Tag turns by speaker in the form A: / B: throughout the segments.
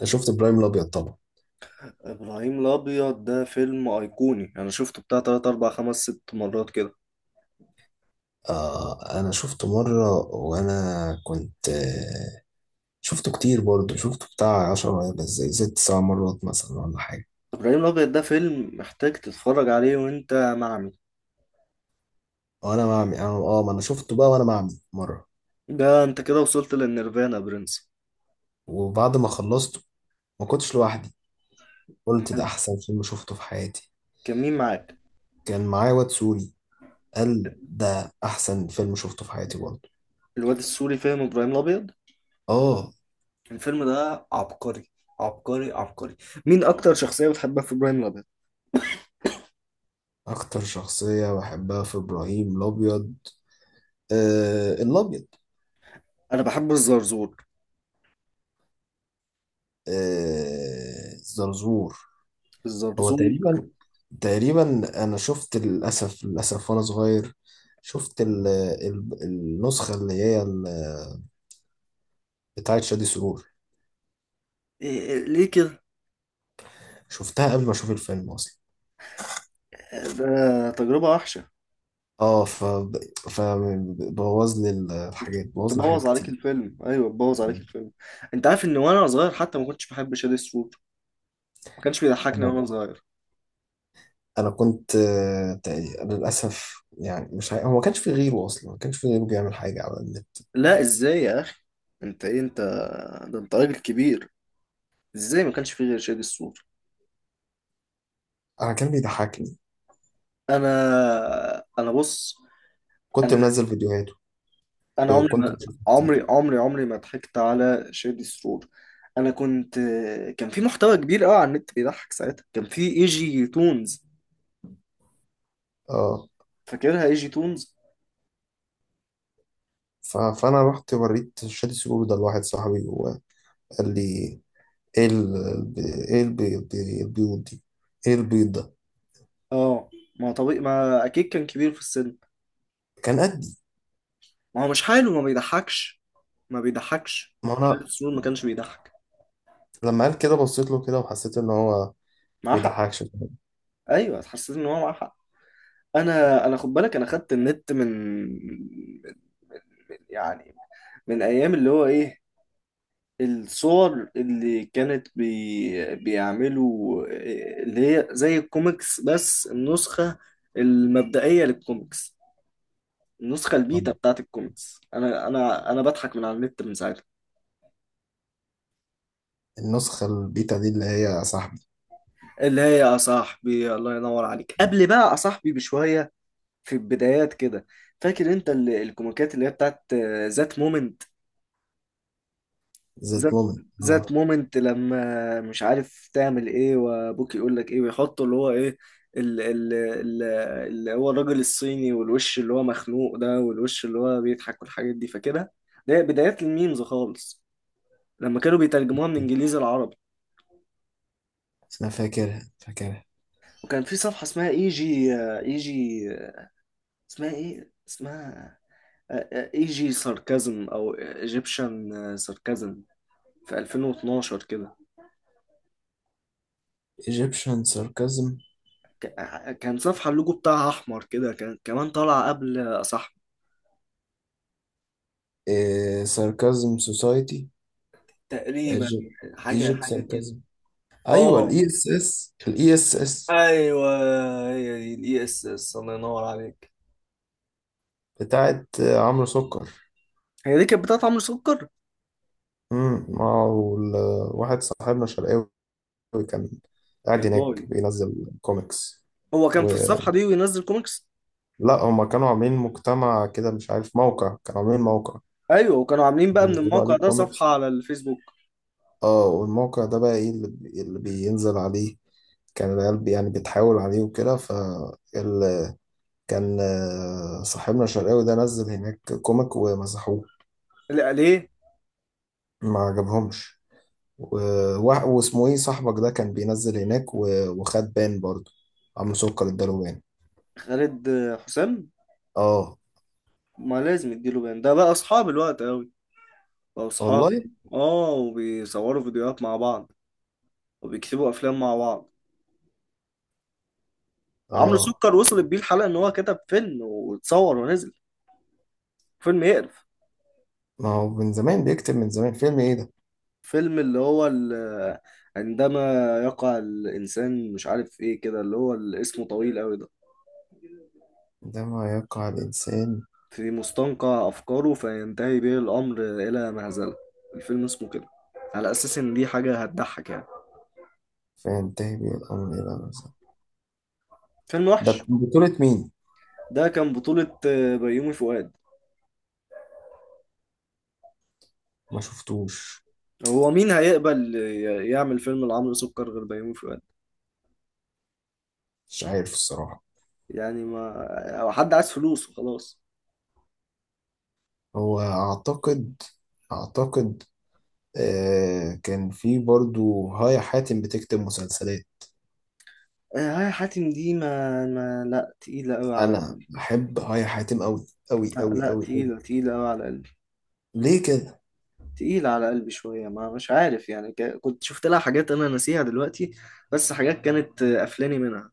A: أنا شفت ابراهيم الابيض طبعا.
B: ابراهيم الابيض ده فيلم ايقوني، انا شفته بتاع 3 4 5 6 مرات كده.
A: آه، انا شفته مره. وانا كنت آه شفته كتير برضه. شفته بتاع 10، بس زي ست سبع مرات مثلا ولا حاجه.
B: ابراهيم الابيض ده فيلم محتاج تتفرج عليه وانت معمي.
A: وانا بعمل ما انا شفته بقى وانا بعمل مره.
B: ده انت كده وصلت للنيرفانا يا برنس.
A: وبعد ما خلصته ما كنتش لوحدي، قلت ده
B: أمال
A: احسن فيلم شفته في حياتي.
B: كان مين معاك؟
A: كان معايا واد سوري، قال ده احسن فيلم شفته في حياتي برضه.
B: الواد السوري فاهم ابراهيم الابيض؟
A: اه.
B: الفيلم ده عبقري، عبقري عبقري. مين اكتر شخصية بتحبها في ابراهيم الابيض؟
A: اكتر شخصيه بحبها في ابراهيم الابيض الابيض.
B: انا بحب الزرزور،
A: آه، زرزور. هو
B: الزرزور.
A: تقريبا، انا شفت للاسف للاسف وانا صغير شفت ال النسخه بتاعه شادي سرور.
B: إيه إيه ليه كده؟
A: شفتها قبل ما اشوف الفيلم اصلا.
B: ده تجربة وحشة.
A: اه، ف فبوظ لي
B: بت-
A: الحاجات، بوظ لي حاجات
B: بتبوظ عليك
A: كتير.
B: الفيلم، ايوه بتبوظ عليك الفيلم. انت عارف ان وانا صغير حتى ما كنتش بحب شادي سوت؟ ما كانش بيضحكني
A: انا
B: وانا صغير.
A: أنا كنت للاسف يعني مش عارف- هو ما كانش في غيره اصلا، ما كانش في غيره بيعمل حاجه على النت.
B: لا ازاي يا اخي؟ انت ايه انت؟ ده انت راجل كبير، ازاي ما كانش في غير شادي سوت؟
A: انا كان بيضحكني،
B: انا بص.
A: كنت
B: انا
A: منزل فيديوهاته
B: انا عمري
A: وكنت
B: ما،
A: بشوفه
B: عمري
A: كتير.
B: عمري عمري ما ضحكت على شادي سرور. انا كنت، كان في محتوى كبير قوي على النت بيضحك ساعتها، كان في اي جي تونز.
A: اه،
B: فاكرها اي جي تونز؟
A: فانا رحت وريت شادي سجود ده لواحد صاحبي وقال لي: ايه ايه البيض البيض دي، ايه البيض ده؟
B: اه، ما طبيعي، ما اكيد كان كبير في السن.
A: كان قدي.
B: ما هو مش حاله ما بيضحكش، ما بيضحكش.
A: ما
B: شايف
A: انا
B: السرور ما كانش بيضحك؟
A: لما قال كده بصيت له كده وحسيت ان هو
B: معاه حق.
A: بيضحكش.
B: ايوه، حسيت ان هو معاه حق. انا خد بالك، انا خدت النت من، يعني، من ايام اللي هو ايه، الصور اللي كانت بيعملوا إيه، اللي هي زي الكوميكس بس النسخة المبدئية للكوميكس، النسخة البيتا
A: آه.
B: بتاعت الكوميكس. انا بضحك من على النت من ساعتها،
A: النسخة البيتا دي اللي هي صاحبي.
B: اللي هي يا صاحبي، الله ينور عليك، قبل بقى يا صاحبي بشوية، في البدايات كده. فاكر انت الكوميكات اللي هي بتاعت ذات مومنت؟
A: ذات
B: ذات
A: مومنت،
B: ذات
A: اه.
B: مومنت لما مش عارف تعمل ايه وابوك يقول لك ايه، ويحطوا اللي هو ايه، ال- ال- ال- اللي هو الراجل الصيني، والوش اللي هو مخنوق ده، والوش اللي هو بيضحك، والحاجات دي. فكده ده بدايات الميمز خالص، لما كانوا بيترجموها من انجليزي لعربي.
A: انا فاكرها فاكرها.
B: وكان في صفحة اسمها اي جي، اسمها ايه، اسمها اي جي ساركازم او ايجيبشن ساركازم، في 2012 كده.
A: ايجيبشن ساركازم،
B: كان صفحة اللوجو بتاعها أحمر كده، كان كمان طالعة قبل صح؟
A: ساركازم سوسايتي،
B: تقريبا، حاجة
A: ايجيبت
B: حاجة كده.
A: ساركازم. ايوه،
B: اه
A: الاي اس اس، الاي اس اس
B: ايوه، هي دي الاي اس اس، الله ينور عليك.
A: بتاعت عمرو سكر.
B: هي دي كانت بتاعت عمرو سكر.
A: اه. واحد صاحبنا شرقاوي كان
B: يا
A: قاعد هناك
B: باي،
A: بينزل كوميكس.
B: هو كان في
A: ولا
B: الصفحة دي وينزل كوميكس؟
A: هما كانوا عاملين مجتمع كده، مش عارف، موقع، كانوا عاملين موقع
B: ايوه، وكانوا عاملين بقى من
A: بينزلوا
B: الموقع
A: عليه
B: ده صفحة
A: كوميكس.
B: على الفيسبوك.
A: اه، والموقع ده بقى ايه اللي بينزل عليه؟ كان العيال يعني بتحاول عليه وكده، ال... كان صاحبنا الشرقاوي ده نزل هناك كوميك ومسحوه،
B: لا ليه؟
A: ما عجبهمش. و... واسمه ايه صاحبك ده كان بينزل هناك وخد بان برضه، عم سكر اداله بان.
B: خالد، حسام.
A: اه،
B: ما لازم يديله بان، ده بقى اصحاب الوقت قوي، بقى اصحاب.
A: والله.
B: اه، وبيصوروا فيديوهات مع بعض، وبيكتبوا افلام مع بعض. عمرو
A: اه،
B: سكر وصلت بيه الحلقة ان هو كتب فيلم واتصور ونزل فيلم يقرف.
A: ما هو من زمان بيكتب، من زمان. فيلم ايه ده؟
B: فيلم عندما يقع الانسان مش عارف ايه كده، اسمه طويل قوي ده،
A: ده ما يقع الانسان
B: في مستنقع افكاره فينتهي به الامر الى مهزلة. الفيلم اسمه كده، على اساس ان دي حاجة هتضحك يعني.
A: فينتهي به الامر الى نفسه.
B: فيلم
A: ده
B: وحش.
A: كان بطولة مين؟
B: ده كان بطولة بيومي فؤاد.
A: ما شفتوش.
B: هو مين هيقبل يعمل فيلم لعمرو سكر غير بيومي فؤاد؟
A: مش عارف الصراحة.
B: يعني ما حد عايز فلوس وخلاص.
A: هو اعتقد كان في برضو هايا حاتم بتكتب مسلسلات.
B: هاي حاتم دي ما لا تقيلة قوي على
A: انا
B: قلبي.
A: بحب هايا حاتم قوي قوي
B: لا
A: قوي
B: لا،
A: قوي قوي.
B: تقيلة تقيلة قوي على قلبي.
A: ليه كده؟
B: تقيلة على قلبي شوية، ما مش عارف يعني، كنت شفت لها حاجات أنا ناسيها دلوقتي، بس حاجات كانت قفلاني منها.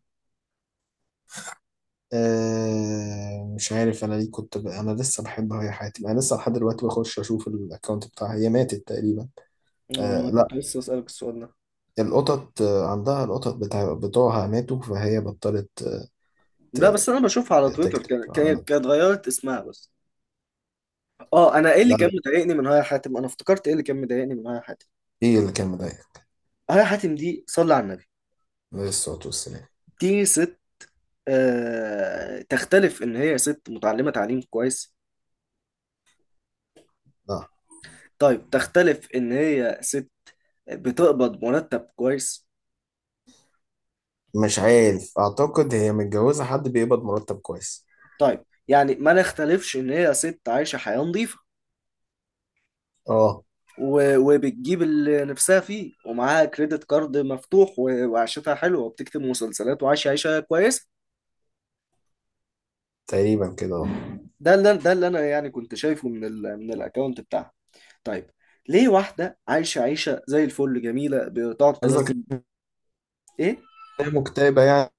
A: مش عارف انا ليه كنت انا لسه بحبها، هي حياتي، انا لسه لحد دلوقتي بخش اشوف الاكونت بتاعها. هي ماتت تقريبا.
B: ما أنا
A: آه، لا.
B: كنت لسه أسألك السؤال ده.
A: القطط عندها، القطط بتوعها ماتوا فهي بطلت،
B: لا
A: ت...
B: بس أنا بشوفها على تويتر،
A: تكتب على
B: كانت
A: النت.
B: اتغيرت اسمها بس. أه أنا إيه اللي
A: لا،
B: كان
A: لا.
B: مضايقني من هاي حاتم، أنا افتكرت إيه اللي كان مضايقني من هاي حاتم.
A: ايه اللي كان مضايقك؟
B: هاي حاتم دي، صلي على النبي،
A: عليه الصلاة والسلام.
B: دي ست، آه تختلف إن هي ست متعلمة تعليم كويس.
A: لا،
B: طيب تختلف ان هي ست بتقبض مرتب كويس.
A: مش عارف، اعتقد هي متجوزة حد بيقبض مرتب كويس.
B: طيب يعني ما نختلفش ان هي ست عايشة حياة نظيفة،
A: اه،
B: وبتجيب اللي نفسها فيه ومعاها كريدت كارد مفتوح، وعيشتها حلوة، وبتكتب مسلسلات، وعايشة عيشة كويسة.
A: تقريبا كده، اه.
B: ده اللي انا يعني كنت شايفه من الاكونت بتاعها. طيب، ليه واحدة عايشة عيشة زي الفل جميلة بتقعد تنزل،
A: قصدك إن
B: ايه،
A: هي مكتئبة يعني؟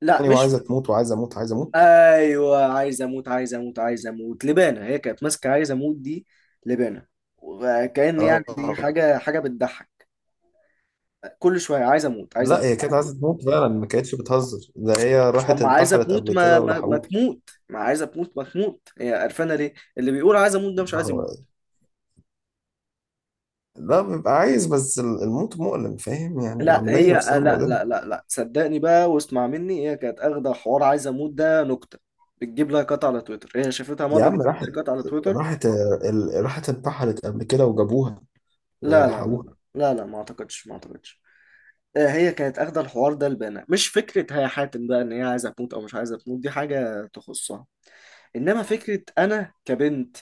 B: لا مش،
A: وعايزة تموت، وعايزة اموت، عايزة اموت.
B: ايوه عايز اموت عايز اموت عايز اموت لبانه، هي كانت ماسكه عايز اموت دي لبانه، وكأن يعني دي
A: اه،
B: حاجه بتضحك، كل شويه عايز اموت عايز
A: لا،
B: اموت
A: هي كانت
B: عايز أموت.
A: عايزة تموت فعلا، ما كانتش بتهزر. ده هي
B: طب
A: راحت
B: ما عايزه
A: انتحرت
B: تموت،
A: قبل
B: ما
A: كده
B: ما, ما
A: ولحقوها.
B: تموت، ما عايزه تموت ما تموت، هي قرفانه ليه؟ اللي بيقول عايز اموت ده مش
A: ما
B: عايز
A: هو-
B: يموت.
A: لا، بيبقى عايز، بس الموت مؤلم، فاهم يعني،
B: لا
A: العملية
B: هي، لا
A: نفسها
B: لا
A: مؤلمة.
B: لا لا، صدقني بقى واسمع مني، هي كانت اخده حوار عايز اموت ده نكته بتجيب لايكات على تويتر، هي شافتها
A: يا
B: مره
A: عم
B: بتجيب لايكات على تويتر.
A: راحت راحت انتحرت قبل كده وجابوها،
B: لا لا لا
A: ويلحقوها.
B: لا لا لا، ما اعتقدش، ما اعتقدش. هي كانت اخده الحوار ده لبانا، مش فكره هي حاتم بقى ان هي عايزه تموت او مش عايزه تموت، دي حاجه تخصها. انما فكره انا كبنت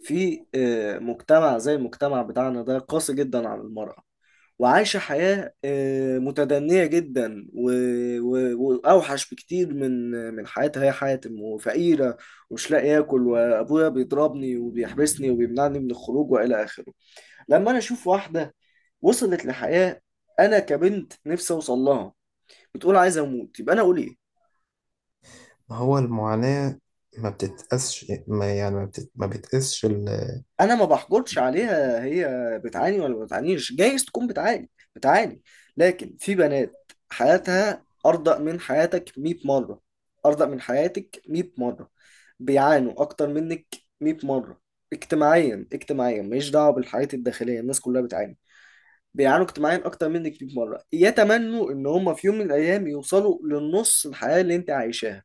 B: في مجتمع زي المجتمع بتاعنا ده قاسي جدا على المرأة، وعايشة حياة متدنية جدا، وأوحش بكتير من حياتها هي حاتم، وفقيرة، ومش لاقي ياكل، وأبويا بيضربني وبيحبسني وبيمنعني من الخروج وإلى آخره. لما أنا أشوف واحدة وصلت لحياة أنا كبنت نفسي أوصل لها بتقول عايز اموت، يبقى انا اقول ايه؟
A: ما هو المعاناة ما بتتقاسش، ما يعني ما, بتت... ما بتقاسش القيامة.
B: انا ما بحجرش عليها، هي بتعاني ولا ما بتعانيش، جايز تكون بتعاني، بتعاني، لكن في بنات حياتها ارضى من حياتك 100 مره، ارضى من حياتك 100 مره، بيعانوا اكتر منك 100 مره، اجتماعيا، اجتماعيا ماليش دعوه بالحياه الداخليه، الناس كلها بتعاني، بيعانوا اجتماعيا اكتر منك 100 مره، يتمنوا ان هم في يوم من الايام يوصلوا للنص الحياه اللي انت عايشاها،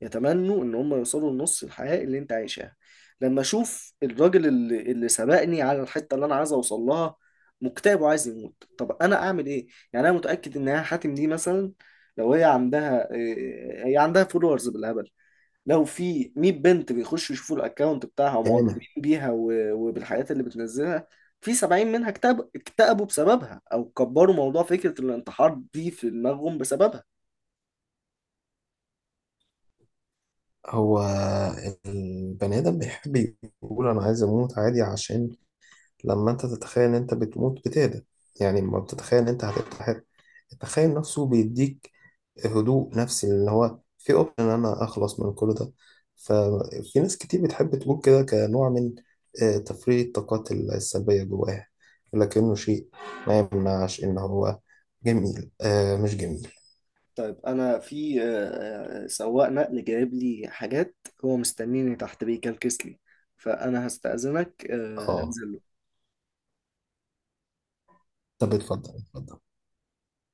B: يتمنوا ان هم يوصلوا لنص الحياة اللي انت عايشها. لما اشوف الراجل اللي سبقني على الحتة اللي انا عايز اوصل لها مكتئب وعايز يموت، طب انا اعمل ايه؟ يعني انا متأكد ان يا حاتم دي مثلا، لو هي عندها إيه، هي عندها فولورز بالهبل، لو في 100 بنت بيخشوا يشوفوا الاكونت بتاعها ومعجبين بيها وبالحاجات اللي بتنزلها، في 70 منها اكتئب، اكتئبوا بسببها، او كبروا موضوع فكرة الانتحار دي في دماغهم بسببها.
A: هو البني آدم بيحب يقول أنا عايز أموت عادي، عشان لما انت تتخيل ان انت بتموت بتهدى. يعني لما بتتخيل ان انت هتتحرق، التخيل نفسه بيديك هدوء نفسي، اللي هو في اوبشن ان انا اخلص من كل ده. ففي ناس كتير بتحب تقول كده كنوع من تفريغ الطاقات السلبية جواها. لكنه شيء ما يمنعش ان هو جميل، مش جميل.
B: طيب انا في سواق نقل جايب لي حاجات، هو مستنيني تحت بيكلكس لي، فانا هستأذنك
A: اه،
B: هنزل.
A: طب اتفضل اتفضل.